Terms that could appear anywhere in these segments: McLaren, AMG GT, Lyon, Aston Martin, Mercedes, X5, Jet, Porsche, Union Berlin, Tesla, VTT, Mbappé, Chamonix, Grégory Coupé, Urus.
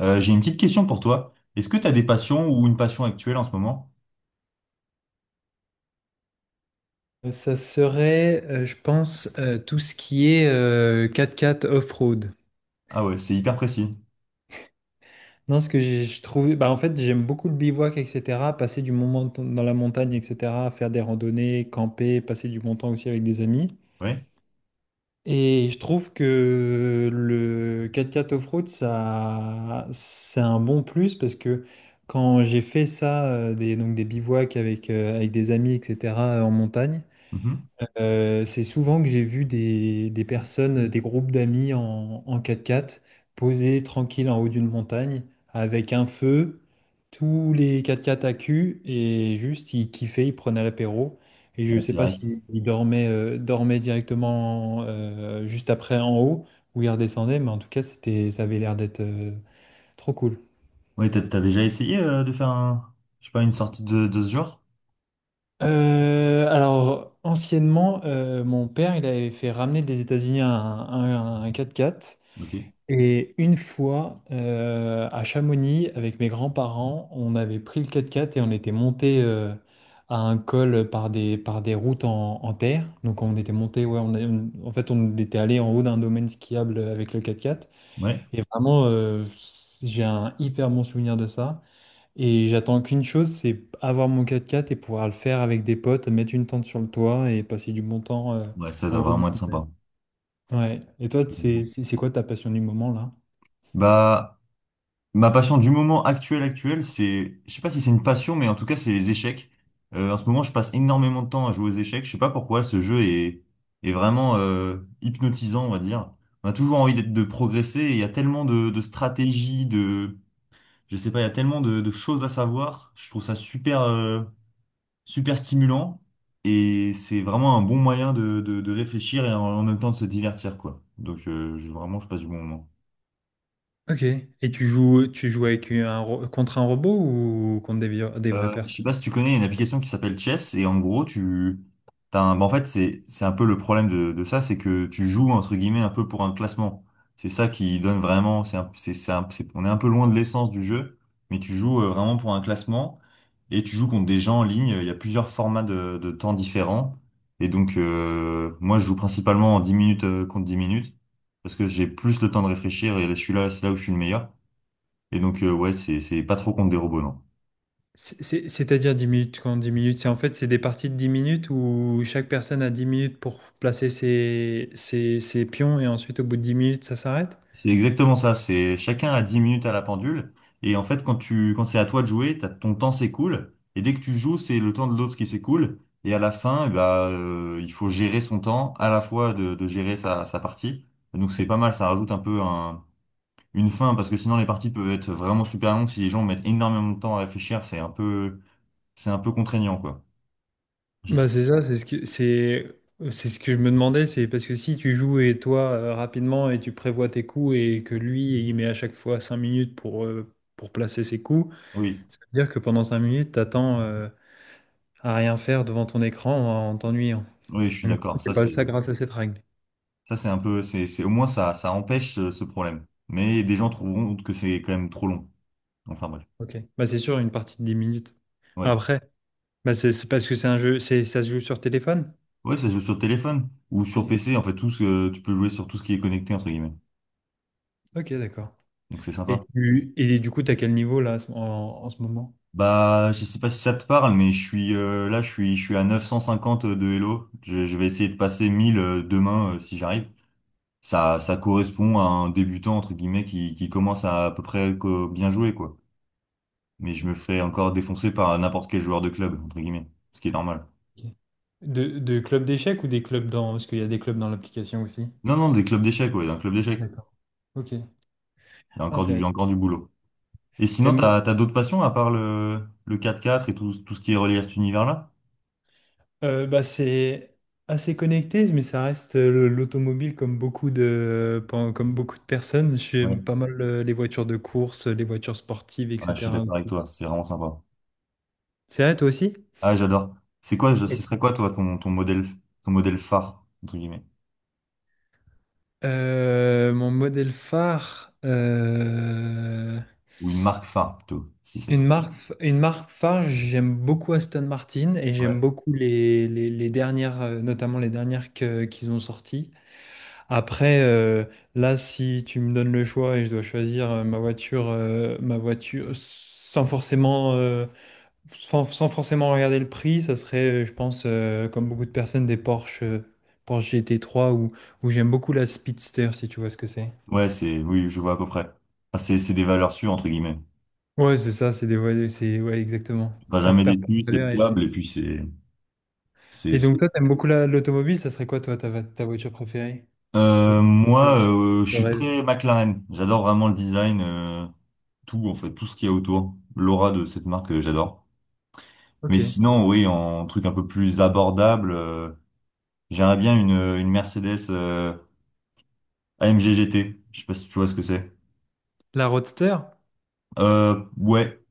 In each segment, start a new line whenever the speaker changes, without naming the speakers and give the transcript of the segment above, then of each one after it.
J'ai une petite question pour toi. Est-ce que tu as des passions ou une passion actuelle en ce moment?
Ça serait, je pense, tout ce qui est quatre x off-road.
Ah ouais, c'est hyper précis.
Non, je trouve, bah, en fait, j'aime beaucoup le bivouac, etc. Passer dans la montagne, etc. Faire des randonnées, camper, passer du bon temps aussi avec des amis.
Oui.
Et je trouve que le quatre-quatre off-road, ça, c'est un bon plus parce que quand j'ai fait ça, donc des bivouacs avec des amis, etc., en montagne.
Mhm.
C'est souvent que j'ai vu des personnes, des groupes d'amis en 4x4 posés tranquilles en haut d'une montagne avec un feu, tous les 4x4 à cul et juste ils kiffaient, ils prenaient l'apéro. Et je ne
Ouais,
sais
c'est
pas
vrai.
s'ils dormaient directement juste après en haut, ou ils redescendaient, mais en tout cas ça avait l'air d'être trop cool.
Ouais, t'as déjà essayé de faire je sais pas, une sortie de ce genre?
Alors, anciennement, mon père, il avait fait ramener des États-Unis un 4x4.
Ok.
Et une fois, à Chamonix, avec mes grands-parents, on avait pris le quatre-quatre et on était monté à un col par par des routes en terre. Donc on était monté, ouais, en fait, on était allé en haut d'un domaine skiable avec le quatre-quatre.
Ouais.
Et vraiment, j'ai un hyper bon souvenir de ça. Et j'attends qu'une chose, c'est avoir mon quatre-quatre et pouvoir le faire avec des potes, mettre une tente sur le toit et passer du bon temps
Ouais, ça
en
doit
haut.
vraiment être sympa.
Ouais. Et toi,
Je te comprends.
c'est quoi ta passion du moment là?
Bah, Ma passion du moment actuel, c'est, je sais pas si c'est une passion, mais en tout cas, c'est les échecs. En ce moment, je passe énormément de temps à jouer aux échecs. Je sais pas pourquoi ce jeu est vraiment hypnotisant, on va dire. On a toujours envie de progresser. Et Il y a tellement de stratégies, de, je sais pas, il y a tellement de choses à savoir. Je trouve ça super, super stimulant et c'est vraiment un bon moyen de réfléchir et en même temps de se divertir, quoi. Donc, vraiment, je passe du bon moment.
Ok. Et tu joues avec contre un robot ou contre des vraies
Je sais
personnes?
pas si tu connais une application qui s'appelle Chess, et en gros tu t'as un... en fait c'est un peu le problème de ça. C'est que tu joues entre guillemets un peu pour un classement. C'est ça qui donne vraiment, on est un peu loin de l'essence du jeu, mais tu joues vraiment pour un classement et tu joues contre des gens en ligne. Il y a plusieurs formats de temps différents, et donc moi je joue principalement en 10 minutes contre 10 minutes parce que j'ai plus le temps de réfléchir, et là c'est là où je suis le meilleur. Et donc ouais, c'est pas trop contre des robots, non.
C'est-à-dire 10 minutes quand 10 minutes, c'est en fait c'est des parties de 10 minutes où chaque personne a 10 minutes pour placer ses pions et ensuite au bout de 10 minutes ça s'arrête?
C'est exactement ça, c'est chacun a 10 minutes à la pendule, et en fait quand c'est à toi de jouer, ton temps s'écoule, et dès que tu joues, c'est le temps de l'autre qui s'écoule, et à la fin, eh il faut gérer son temps à la fois de gérer sa partie. Donc c'est pas mal, ça rajoute un peu une fin, parce que sinon les parties peuvent être vraiment super longues si les gens mettent énormément de temps à réfléchir. C'est un peu contraignant, quoi. Je sais.
Bah c'est ça, c'est ce que je me demandais, c'est parce que si tu joues et toi rapidement et tu prévois tes coups et que lui il met à chaque fois 5 minutes pour placer ses coups,
Oui,
ça veut dire que pendant 5 minutes, t'attends, à rien faire devant ton écran en t'ennuyant.
oui, je suis
Donc, du coup,
d'accord.
t'es
Ça
pas le
c'est
ça grâce à cette règle.
ça c'est un peu, c'est au moins ça empêche ce problème. Mais des gens trouveront que c'est quand même trop long. Enfin bref.
Ok. Bah, c'est sûr, une partie de 10 minutes.
Ouais.
Après, bah, c'est parce que c'est un jeu, ça se joue sur téléphone?
Ouais, ça se joue sur téléphone ou sur
Ok.
PC. En fait, tu peux jouer sur tout ce qui est connecté, entre guillemets.
Ok, d'accord.
Donc c'est sympa.
Et du coup, t'as quel niveau là en ce moment?
Je sais pas si ça te parle, mais je suis à 950 de Hello. Je vais essayer de passer 1000 demain si j'arrive. Ça correspond à un débutant, entre guillemets, qui commence à peu près bien jouer, quoi. Mais je me ferai encore défoncer par n'importe quel joueur de club, entre guillemets. Ce qui est normal.
Ok. De club d'échecs ou des clubs dans... Parce qu'il y a des clubs dans l'application aussi.
Non, non, Des clubs d'échecs, ouais, d'un club
Ah,
d'échecs.
d'accord. Ok.
Il y a
Ah,
encore
t'es-
encore du boulot. Et sinon,
t'aimes,
t'as d'autres passions à part le 4x4 et tout ce qui est relié à cet univers-là?
Bah, c'est assez connecté, mais ça reste l'automobile comme comme beaucoup de personnes.
Ouais.
J'aime pas mal les voitures de course, les voitures sportives,
Ah, je suis
etc.
d'accord avec toi, c'est vraiment sympa.
C'est vrai, toi aussi?
Ah, j'adore. Ce
Oui.
serait quoi, toi, ton modèle phare, entre guillemets?
Mon modèle phare,
Ou une marque phare, plutôt, si c'est
une
trop.
marque, une marque phare, j'aime beaucoup Aston Martin et j'aime
Ouais.
beaucoup les dernières, notamment les dernières qu'ils ont sorties. Après, là, si tu me donnes le choix et je dois choisir ma voiture sans forcément, sans forcément regarder le prix, ça serait, je pense, comme beaucoup de personnes, Porsche gt trois, ou j'aime beaucoup la Speedster, si tu vois ce que c'est.
Ouais, oui, je vois à peu près. C'est des valeurs sûres, entre guillemets.
Ouais, c'est ça, c'est des voitures, c'est ouais, exactement.
Pas
Ça
jamais
perd pas
déçu,
de
c'est
valeur et c'est.
fiable, et puis c'est,
Et donc
c'est-
toi, t'aimes beaucoup l'automobile, ça serait quoi toi ta voiture préférée? Ou ta voiture
Je
de
suis
rêve?
très McLaren. J'adore vraiment le design, tout, en fait, tout ce qu'il y a autour. L'aura de cette marque, j'adore. Mais
Ok.
sinon, oui, en truc un peu plus abordable, j'aimerais bien une Mercedes AMG GT. Je sais pas si tu vois ce que c'est.
La Roadster?
Euh, ouais,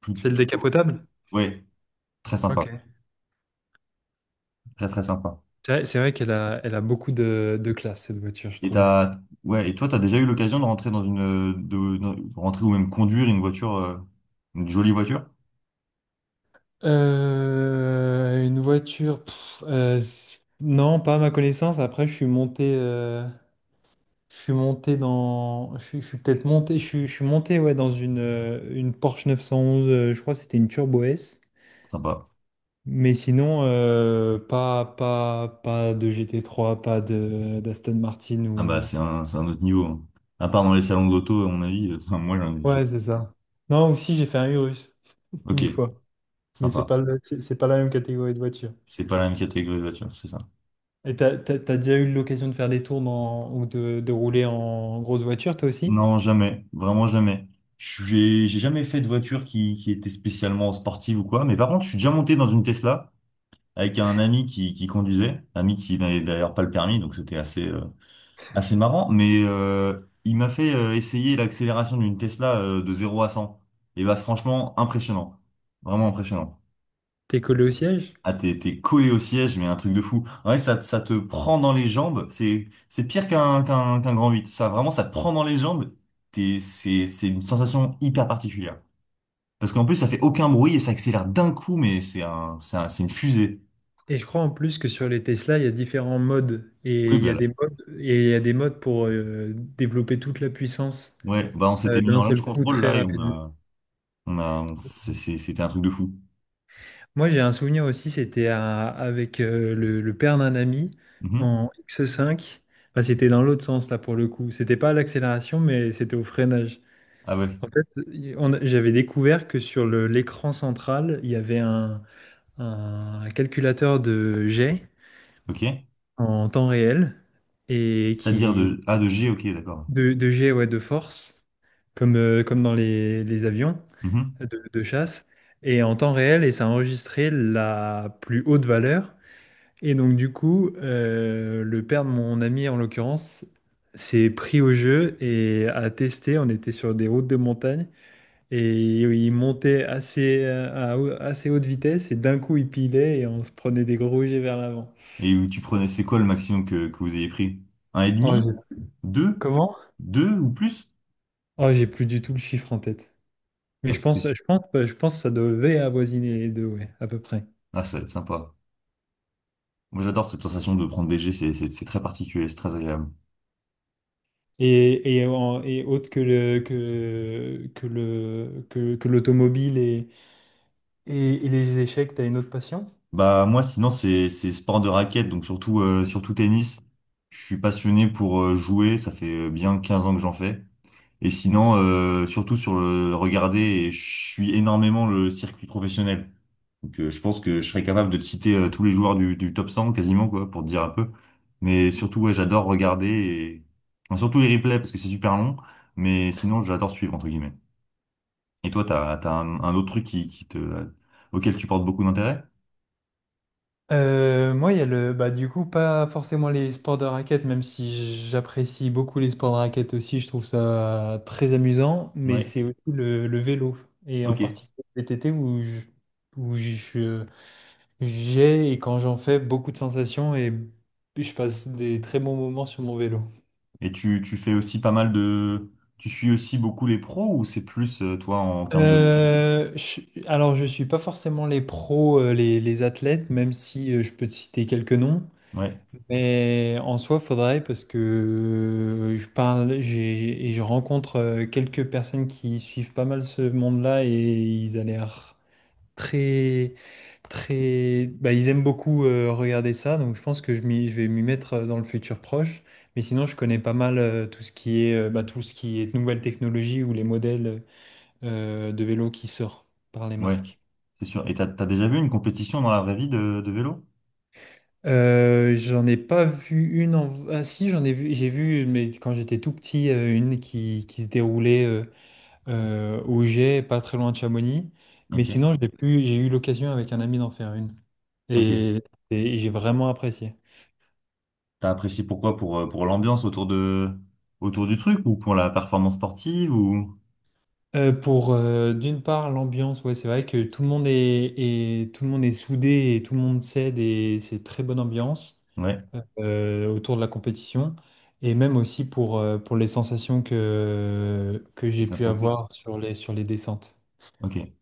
Celle
Plutôt.
décapotable?
Ouais, très
Ok.
sympa. Très très sympa.
C'est vrai elle a beaucoup de classe, cette voiture, je
Et
trouve aussi.
t'as, ouais, et toi, t'as déjà eu l'occasion de rentrer dans de rentrer ou même conduire une voiture, une jolie voiture?
Une voiture, pff, non, pas à ma connaissance. Après, je suis monté dans, je suis peut-être monté, je suis monté ouais dans une Porsche 911. Je crois que c'était une Turbo S.
Sympa.
Mais sinon, pas de GT3, pas de d'Aston Martin
Ah bah
ou.
c'est un autre niveau, hein. À part dans les salons de l'auto, à mon avis, enfin, moi j'en ai. J'ai-
Ouais, c'est ça. Non, aussi j'ai fait un Urus
Ok,
une fois, mais
sympa.
c'est pas la même catégorie de voiture.
C'est pas la même catégorie de voiture, c'est ça.
Et t'as déjà eu l'occasion de faire des tours ou de rouler en grosse voiture, toi aussi?
Non, jamais. Vraiment jamais. J'ai jamais fait de voiture qui était spécialement sportive ou quoi. Mais par contre, je suis déjà monté dans une Tesla avec un ami qui conduisait. Ami qui n'avait d'ailleurs pas le permis, donc c'était assez marrant. Mais il m'a fait essayer l'accélération d'une Tesla de 0 à 100. Et bah franchement, impressionnant. Vraiment impressionnant.
T'es collé au siège?
Ah, t'es collé au siège, mais un truc de fou. Ouais, ça te prend dans les jambes. C'est pire qu'un grand huit. Ça, vraiment, ça te prend dans les jambes. C'est une sensation hyper particulière. Parce qu'en plus, ça fait aucun bruit et ça accélère d'un coup, mais c'est une fusée.
Et je crois en plus que sur les Tesla, il y a différents modes.
Oui, bah là.
Et il y a des modes pour développer toute la puissance
Ouais, bah on s'était mis en
d'un
launch
seul coup
control,
très
là, et on
rapidement.
a, on a, on-
Ok.
c'est- c'était un truc de fou.
Moi, j'ai un souvenir aussi, avec le père d'un ami
Mhm.
en X5. Enfin, c'était dans l'autre sens, là, pour le coup. C'était pas à l'accélération, mais c'était au freinage.
Ah ouais,
En fait, j'avais découvert que sur l'écran central, il y avait un calculateur de jet
ok.
en temps réel et
C'est-à-dire
qui
de A de G, ok, d'accord.
de jet, ouais, de force, comme dans les avions
Mhm.
de chasse, et en temps réel, et ça enregistrait la plus haute valeur. Et donc du coup, le père de mon ami, en l'occurrence, s'est pris au jeu et a testé. On était sur des routes de montagne. Et oui, à assez haute vitesse et d'un coup il pilait et on se prenait des gros jets vers l'avant.
Et où tu prenais, c'est quoi le maximum que vous ayez pris? Un et
Oh,
demi?
j'ai-
Deux?
Comment?
Deux ou plus?
Oh, j'ai plus du tout le chiffre en tête.
Ah,
Mais
parce que-
je pense que ça devait avoisiner les deux, ouais, à peu près.
ah, ça va être sympa. Moi, j'adore cette sensation de prendre léger, c'est très particulier, c'est très agréable.
Et autre que que l'automobile et les échecs, t'as une autre passion?
Moi, sinon, c'est sport de raquette, donc surtout, surtout tennis. Je suis passionné pour jouer, ça fait bien 15 ans que j'en fais. Et sinon, surtout sur le regarder, et je suis énormément le circuit professionnel. Donc, je pense que je serais capable de te citer tous les joueurs du top 100 quasiment, quoi, pour te dire un peu. Mais surtout, ouais, j'adore regarder et... enfin, surtout les replays parce que c'est super long. Mais sinon, j'adore suivre, entre guillemets. Et toi, t'as un autre truc auquel tu portes beaucoup d'intérêt?
Moi, il y a le, bah, du coup, pas forcément les sports de raquette, même si j'apprécie beaucoup les sports de raquette aussi, je trouve ça très amusant, mais
Ouais.
c'est aussi le vélo, et en
Ok.
particulier le VTT où je- j'ai, et quand j'en fais, beaucoup de sensations et je passe des très bons moments sur mon vélo.
Et tu fais aussi pas mal de... Tu suis aussi beaucoup les pros ou c'est plus, toi, en termes de...
Euh, je- alors, je suis pas forcément les pros, les athlètes, même si je peux te citer quelques noms.
Ouais,
Mais en soi, faudrait parce que je parle, j'ai- et je rencontre quelques personnes qui suivent pas mal ce monde-là et ils ont l'air très, très, bah, ils aiment beaucoup regarder ça. Donc je pense que je vais m'y mettre dans le futur proche. Mais sinon, je connais pas mal tout ce qui est, bah, tout ce qui est nouvelle technologie ou les modèles de vélo qui sortent par les
ouais,
marques.
c'est sûr. Et t'as déjà vu une compétition dans la vraie vie de vélo?
J'en ai pas vu une en... Ah si, j'ai vu, mais quand j'étais tout petit, une qui se déroulait au Jet, pas très loin de Chamonix. Mais
Ok,
sinon, j'ai eu l'occasion avec un ami d'en faire une.
ok.
Et, et j'ai vraiment apprécié.
T'as apprécié pourquoi? Pour l'ambiance autour du truc ou pour la performance sportive ou...
Pour d'une part l'ambiance, ouais, c'est vrai que tout le monde est soudé et tout le monde s'aide et c'est très bonne ambiance,
Ouais,
autour de la compétition, et même aussi pour les sensations que j'ai
ça
pu
procure.
avoir sur sur les descentes.
Ok.